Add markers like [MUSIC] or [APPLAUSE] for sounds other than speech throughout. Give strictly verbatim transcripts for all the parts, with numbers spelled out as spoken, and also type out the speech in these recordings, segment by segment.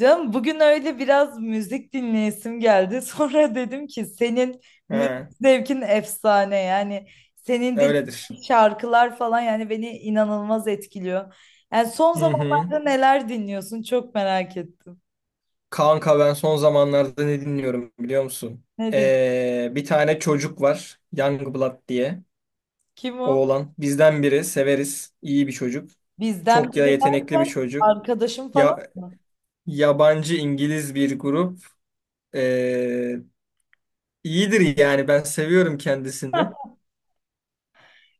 Canım bugün öyle biraz müzik dinleyesim geldi. [LAUGHS] Sonra dedim ki senin He, müzik zevkin efsane yani, senin öyledir. dinlediğin şarkılar falan yani beni inanılmaz etkiliyor. Yani son Hı hı. zamanlarda neler dinliyorsun, çok merak ettim. Kanka ben son zamanlarda ne dinliyorum biliyor musun? Ne dinliyorsun? Ee, bir tane çocuk var. Youngblood diye. Kim o? Oğlan. Bizden biri. Severiz. İyi bir çocuk. Bizden Çok biri ya yetenekli bir derken çocuk. arkadaşım falan Ya mı? yabancı İngiliz bir grup. Ee, iyidir yani. Ben seviyorum kendisini.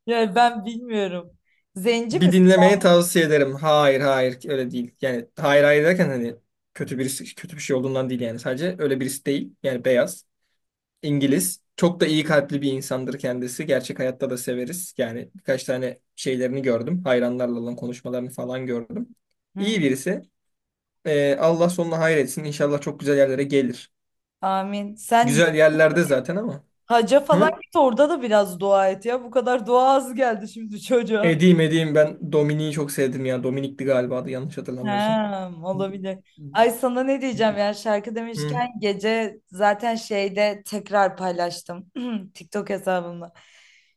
Yani ben bilmiyorum. Zenci Bir misin? dinlemeye tavsiye ederim. Hayır hayır öyle değil. Yani hayır hayır derken hani kötü birisi kötü bir şey olduğundan değil yani. Sadece öyle birisi değil. Yani beyaz. İngiliz. Çok da iyi kalpli bir insandır kendisi. Gerçek hayatta da severiz. Yani birkaç tane şeylerini gördüm. Hayranlarla olan konuşmalarını falan gördüm. Hı. İyi birisi. Ee, Allah sonuna hayretsin. İnşallah çok güzel yerlere gelir. Amin. Sen Güzel yerlerde zaten ama. haca falan Hı? git, orada da biraz dua et ya. Bu kadar dua az geldi şimdi çocuğa. Edeyim edeyim, ben Dominik'i çok sevdim ya. Dominik'ti galiba adı, yanlış hatırlamıyorsam. Ha, olabilir. Ay sana ne diyeceğim ya, şarkı Hı, demişken gece zaten şeyde tekrar paylaştım [CLEARS THROAT] TikTok hesabımda.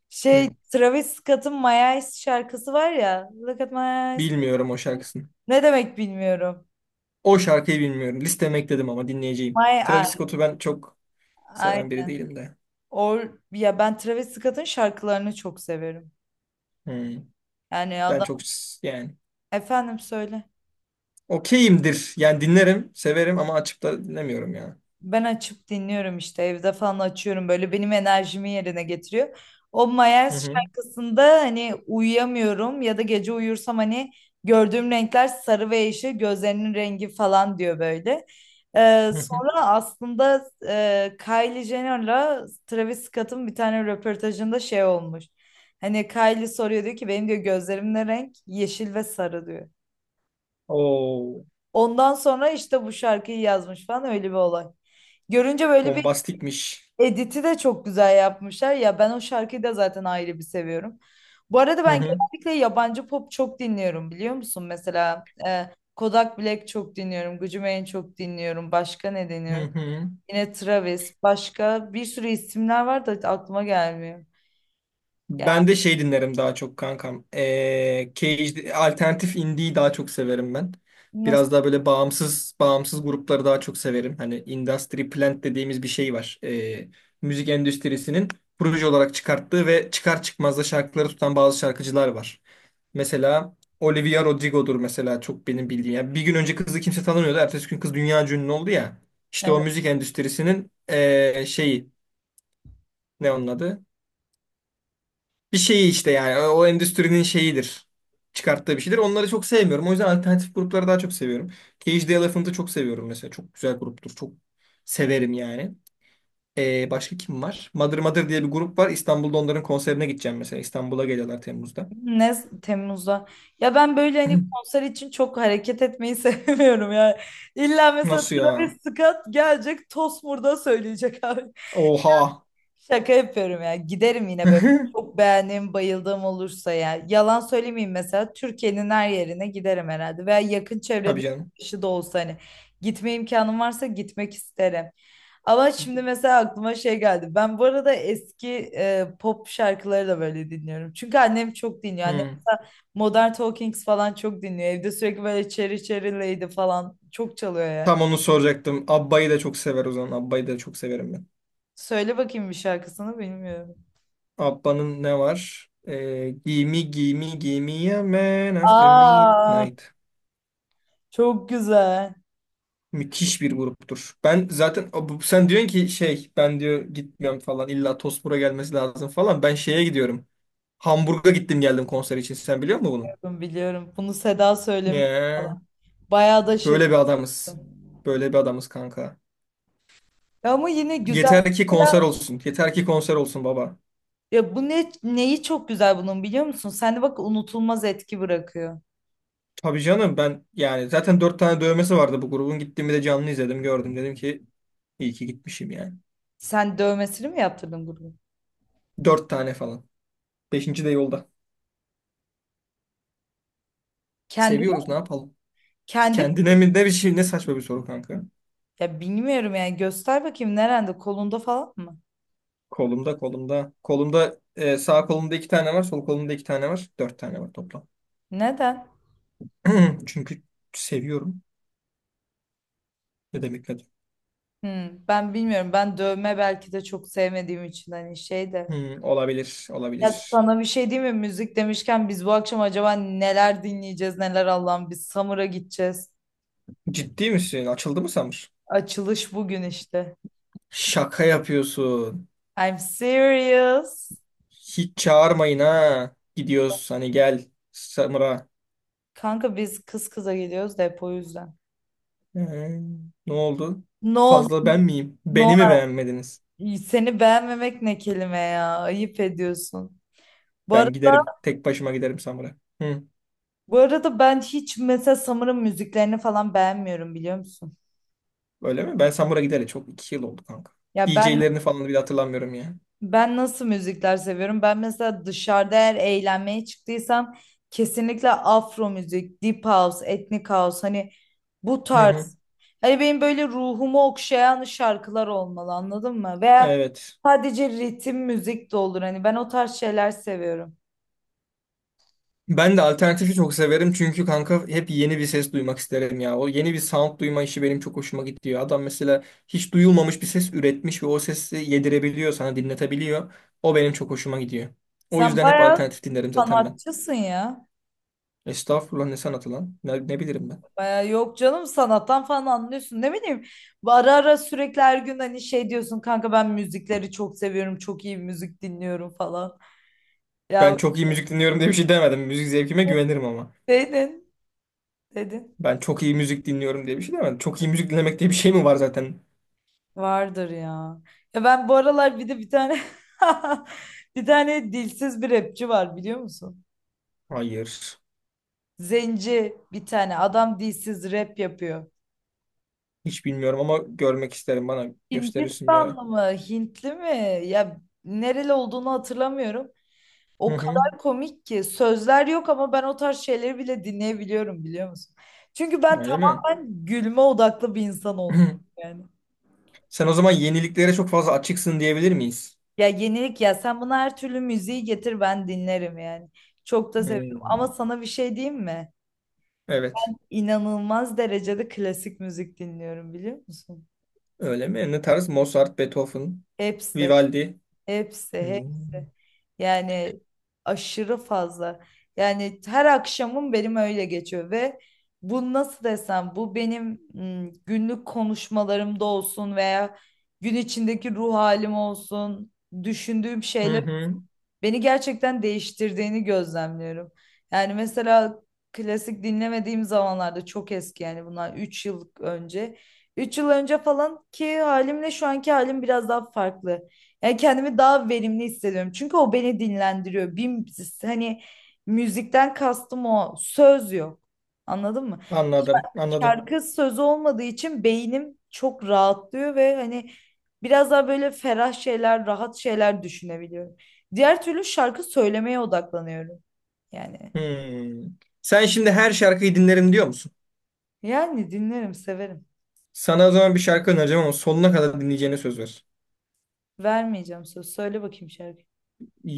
Şey, hı. Travis Scott'ın My Eyes şarkısı var ya, Look at my eyes. Bilmiyorum o şarkısını. Ne demek bilmiyorum? O şarkıyı bilmiyorum. Listeme ekledim ama dinleyeceğim. My Travis eyes. Scott'u ben çok Ay, seven biri değilim de. or, ya ben Travis Scott'ın şarkılarını çok severim. Hı. Yani Ben adam, çok s- yani. efendim söyle. Okeyimdir. Yani dinlerim, severim ama açıp da dinlemiyorum ya. Ben açıp dinliyorum işte, evde falan açıyorum, böyle benim enerjimi yerine getiriyor. O Hı Mayers hı. şarkısında hani uyuyamıyorum ya da gece uyursam hani gördüğüm renkler sarı ve yeşil, gözlerinin rengi falan diyor böyle. Ee, Hı hı. Sonra aslında e, Kylie Jenner'la Travis Scott'ın bir tane röportajında şey olmuş. Hani Kylie soruyor, diyor ki benim diyor gözlerim ne renk? Yeşil ve sarı diyor. Oo, Ondan sonra işte bu şarkıyı yazmış falan, öyle bir olay. Görünce böyle bir bombastikmiş. Edit'i de çok güzel yapmışlar. Ya ben o şarkıyı da zaten ayrı bir seviyorum. Bu arada Hı ben hı. genellikle yabancı pop çok dinliyorum biliyor musun? Mesela e, Kodak Black çok dinliyorum. Gucci Mane çok dinliyorum. Başka ne Hı dinliyorum? hı. Yine Travis. Başka bir sürü isimler var da aklıma gelmiyor. Ya Ben de şey dinlerim daha çok kankam. Ee, Cage, alternatif indie'yi daha çok severim ben. nasıl? Biraz daha böyle bağımsız bağımsız grupları daha çok severim. Hani Industry Plant dediğimiz bir şey var. Ee, müzik endüstrisinin proje olarak çıkarttığı ve çıkar çıkmaz da şarkıları tutan bazı şarkıcılar var. Mesela Olivia Rodrigo'dur mesela, çok benim bildiğim. Yani bir gün önce kızı kimse tanımıyordu. Ertesi gün kız dünya ünlü oldu ya. e, İşte o müzik endüstrisinin eee, şeyi, ne onun adı? Bir şeyi işte, yani o o endüstrinin şeyidir. Çıkarttığı bir şeydir. Onları çok sevmiyorum. O yüzden alternatif grupları daha çok seviyorum. Cage the Elephant'ı çok seviyorum mesela. Çok güzel gruptur. Çok severim yani. Eee, başka kim var? Mother Mother diye bir grup var. İstanbul'da onların konserine gideceğim mesela. İstanbul'a geliyorlar Temmuz'da. Ne Temmuz'da? Ya ben böyle hani [CLEARS THROAT] konser için çok hareket etmeyi [LAUGHS] sevmiyorum ya. İlla mesela Nasıl Travis ya? Scott gelecek Tosmur'da söyleyecek abi. Oha. Şaka yapıyorum ya. Giderim yine böyle. [LAUGHS] Çok beğendiğim, bayıldığım olursa ya. Yalan söylemeyeyim mesela. Türkiye'nin her yerine giderim herhalde. Veya yakın çevrede Tabii bir canım. kişi de olsa hani. Gitme imkanım varsa gitmek isterim. Ama şimdi mesela aklıma şey geldi. Ben bu arada eski e, pop şarkıları da böyle dinliyorum. Çünkü annem çok dinliyor. Annem Hmm. mesela Modern Talkings falan çok dinliyor. Evde sürekli böyle Cherry Cherry Lady falan çok çalıyor yani. Tam onu soracaktım. Abba'yı da çok sever o zaman. Abba'yı da çok severim ben. Söyle bakayım bir şarkısını, bilmiyorum. Abba'nın ne var? Ee, Gimme Gimme Gimme a Man After Aa. Midnight. Çok güzel. Müthiş bir gruptur. Ben zaten bu- sen diyorsun ki şey, ben diyor gitmiyorum falan, illa Tosmur'a gelmesi lazım falan. Ben şeye gidiyorum. Hamburg'a gittim geldim konser için. Sen biliyor musun bunu? Biliyorum, biliyorum. Bunu Seda söylemiş Yeah. falan. Bayağı da şaşırdım. Böyle bir adamız. Böyle bir adamız kanka. Ya ama yine güzel. Yeter ki konser olsun. Yeter ki konser olsun baba. Ya bu ne, neyi çok güzel bunun biliyor musun? Sende bak unutulmaz etki bırakıyor. Tabii canım, ben yani zaten dört tane dövmesi vardı bu grubun. Gittiğimi de canlı izledim, gördüm. Dedim ki iyi ki gitmişim yani. Sen dövmesini mi yaptırdın bunu? Dört tane falan. Beşinci de yolda. Kendi Seviyoruz, ne yapalım? kendi Kendine mi, ne bir şey, ne saçma bir soru kanka. ya bilmiyorum yani, göster bakayım, nerede, kolunda falan mı? Kolumda, kolumda. Kolumda e, sağ kolumda iki tane var. Sol kolumda iki tane var. Dört tane var toplam. Neden? [CLEARS THROAT] Çünkü seviyorum. Ne demek, ne demek? Hmm, ben bilmiyorum. Ben dövme belki de çok sevmediğim için hani şey de. Hmm, olabilir Ya olabilir. sana bir şey diyeyim mi? Müzik demişken biz bu akşam acaba neler dinleyeceğiz, neler Allah'ım, biz Samur'a gideceğiz. Ciddi misin? Açıldı mı Samir? Açılış bugün işte. Şaka yapıyorsun. I'm serious. Hiç çağırmayın ha. Gidiyoruz hani, gel Samura. Kanka biz kız kıza geliyoruz da hep o yüzden. Ee, Ne oldu? No, Fazla ben miyim? no. Beni mi beğenmediniz? Seni beğenmemek ne kelime ya? Ayıp ediyorsun. Bu ara- Ben giderim. Tek başıma giderim Samura. Hı. Bu arada ben hiç mesela Summer'ın müziklerini falan beğenmiyorum biliyor musun? Öyle mi? Ben Samura gideli çok iki yıl oldu kanka. Ya ben, D J'lerini falan bile hatırlamıyorum ya. ben nasıl müzikler seviyorum? Ben mesela dışarıda eğer eğlenmeye çıktıysam kesinlikle afro müzik, deep house, etnik house, hani bu Hı hı. tarz. Hani benim böyle ruhumu okşayan şarkılar olmalı, anladın mı? Veya Evet. sadece ritim müzik de olur, hani ben o tarz şeyler seviyorum. Ben de alternatifi çok severim çünkü kanka, hep yeni bir ses duymak isterim ya. O yeni bir sound duyma işi benim çok hoşuma gidiyor. Adam mesela hiç duyulmamış bir ses üretmiş ve o sesi yedirebiliyor, sana dinletebiliyor. O benim çok hoşuma gidiyor. O Sen yüzden hep bayağı alternatif dinlerim zaten ben. sanatçısın ya. Estağfurullah, ne sanatı lan? Ne, ne bileyim ben? Bayağı, yok canım, sanattan falan anlıyorsun, ne bileyim. Ara ara, sürekli her gün hani şey diyorsun, kanka ben müzikleri çok seviyorum, çok iyi müzik dinliyorum falan. Ya Ben çok iyi müzik dinliyorum diye bir şey demedim. Müzik zevkime güvenirim ama. dedin, dedin. Ben çok iyi müzik dinliyorum diye bir şey demedim. Çok iyi müzik dinlemek diye bir şey mi var zaten? Vardır ya. Ya ben bu aralar bir de bir tane [LAUGHS] bir tane dilsiz bir rapçi var biliyor musun? Hayır. Zenci bir tane adam dilsiz rap yapıyor. Hiç bilmiyorum ama görmek isterim. Bana gösterirsin bir ara. Hindistanlı mı, Hintli mi? Ya nereli olduğunu hatırlamıyorum. Hı O hı. kadar komik ki, sözler yok ama ben o tarz şeyleri bile dinleyebiliyorum biliyor musun? Çünkü ben Öyle mi? tamamen gülme odaklı bir insan olmuşum [CLEARS THROAT] yani. Sen o zaman yeniliklere çok fazla açıksın diyebilir miyiz? Ya yenilik, ya sen buna her türlü müziği getir ben dinlerim yani. Çok da seviyorum Hmm, ama sana bir şey diyeyim mi? evet. İnanılmaz derecede klasik müzik dinliyorum biliyor musun? Öyle mi? Ne tarz? Mozart, Beethoven, Hepsi, Vivaldi. hepsi, Hmm. hepsi. Yani aşırı fazla. Yani her akşamım benim öyle geçiyor ve bu, nasıl desem, bu benim mm, günlük konuşmalarımda olsun veya gün içindeki ruh halim olsun, düşündüğüm Hı şeyler hı. beni gerçekten değiştirdiğini gözlemliyorum. Yani mesela klasik dinlemediğim zamanlarda, çok eski yani bunlar, üç yıl önce. Üç yıl önce falan ki halimle şu anki halim biraz daha farklı. Yani kendimi daha verimli hissediyorum. Çünkü o beni dinlendiriyor. Bir, hani müzikten kastım o. Söz yok. Anladın mı? Anladım, anladım. Şarkı söz olmadığı için beynim çok rahatlıyor ve hani biraz daha böyle ferah şeyler, rahat şeyler düşünebiliyorum. Diğer türlü şarkı söylemeye odaklanıyorum. Yani, Hmm. Sen şimdi her şarkıyı dinlerim diyor musun? yani dinlerim, severim. Sana o zaman bir şarkı önereceğim ama sonuna kadar dinleyeceğine söz ver. Vermeyeceğim söz. Söyle bakayım şarkı.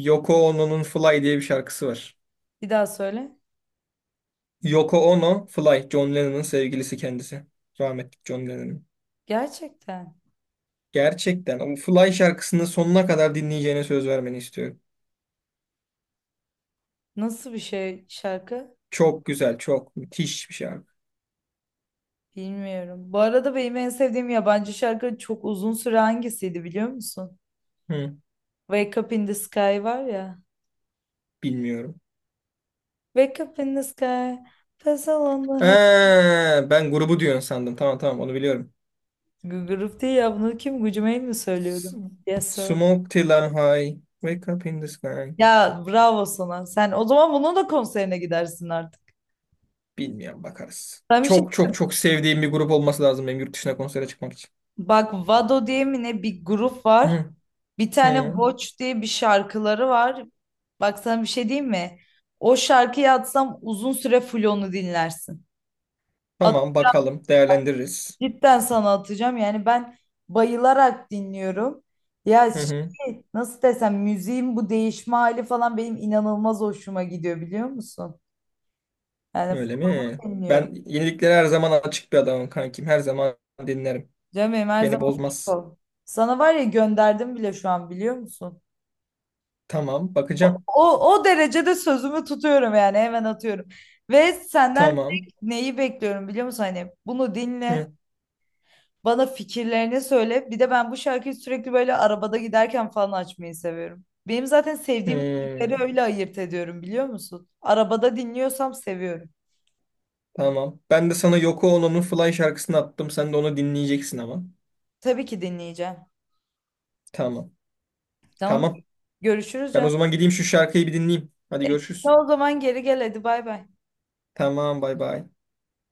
Yoko Ono'nun Fly diye bir şarkısı var. Bir daha söyle. Yoko Ono, Fly, John Lennon'ın sevgilisi kendisi. Rahmetli John Lennon'ın. Gerçekten. Gerçekten o Fly şarkısını sonuna kadar dinleyeceğine söz vermeni istiyorum. Nasıl bir şey şarkı? Çok güzel, çok müthiş bir şarkı. Bilmiyorum. Bu arada benim en sevdiğim yabancı şarkı çok uzun süre hangisiydi biliyor musun? Hı, Wake Up in the Sky var ya. bilmiyorum. Wake up in the sky, puzzle on the Ee, Ben grubu diyorsun sandım. Tamam tamam, onu biliyorum. Gıgırıf değil ya, bunu kim, Gucumail mi S- söylüyordu? Yes sir. Smoke till I'm high, wake up in the sky. Ya bravo sana. Sen o zaman bunun da konserine gidersin artık. Bilmiyorum, bakarız. Ben bir şey, Çok çok çok sevdiğim bir grup olması lazım benim yurt dışına konsere çıkmak için. bak Vado diye mi ne bir grup var. Hı, Bir tane hı. Watch diye bir şarkıları var. Bak sana bir şey diyeyim mi? O şarkıyı atsam uzun süre full onu dinlersin. At, Tamam bakalım, değerlendiririz. cidden sana atacağım. Yani ben bayılarak dinliyorum. Ya Hı hı. şey, nasıl desem müziğin bu değişme hali falan benim inanılmaz hoşuma gidiyor biliyor musun? Yani Öyle mi? bilmiyorum. Ben yeniliklere her zaman açık bir adamım kankim. Her zaman dinlerim. Canım benim, her Beni zaman açık bozmaz. ol. Sana var ya gönderdim bile şu an biliyor musun? Tamam O, bakacağım. o, o derecede sözümü tutuyorum yani, hemen atıyorum. Ve senden Tamam. tek neyi bekliyorum biliyor musun? Hani bunu dinle, Hı, bana fikirlerini söyle. Bir de ben bu şarkıyı sürekli böyle arabada giderken falan açmayı seviyorum. Benim zaten sevdiğim müzikleri hı. öyle ayırt ediyorum biliyor musun? Arabada dinliyorsam seviyorum. Tamam. Ben de sana Yoko Ono'nun Fly şarkısını attım. Sen de onu dinleyeceksin ama. Tabii ki dinleyeceğim. Tamam. Tamam. Tamam. Görüşürüz Ben o canım. zaman gideyim, şu şarkıyı bir dinleyeyim. Hadi görüşürüz. O zaman geri gel, hadi bay bay. Tamam, bay bay.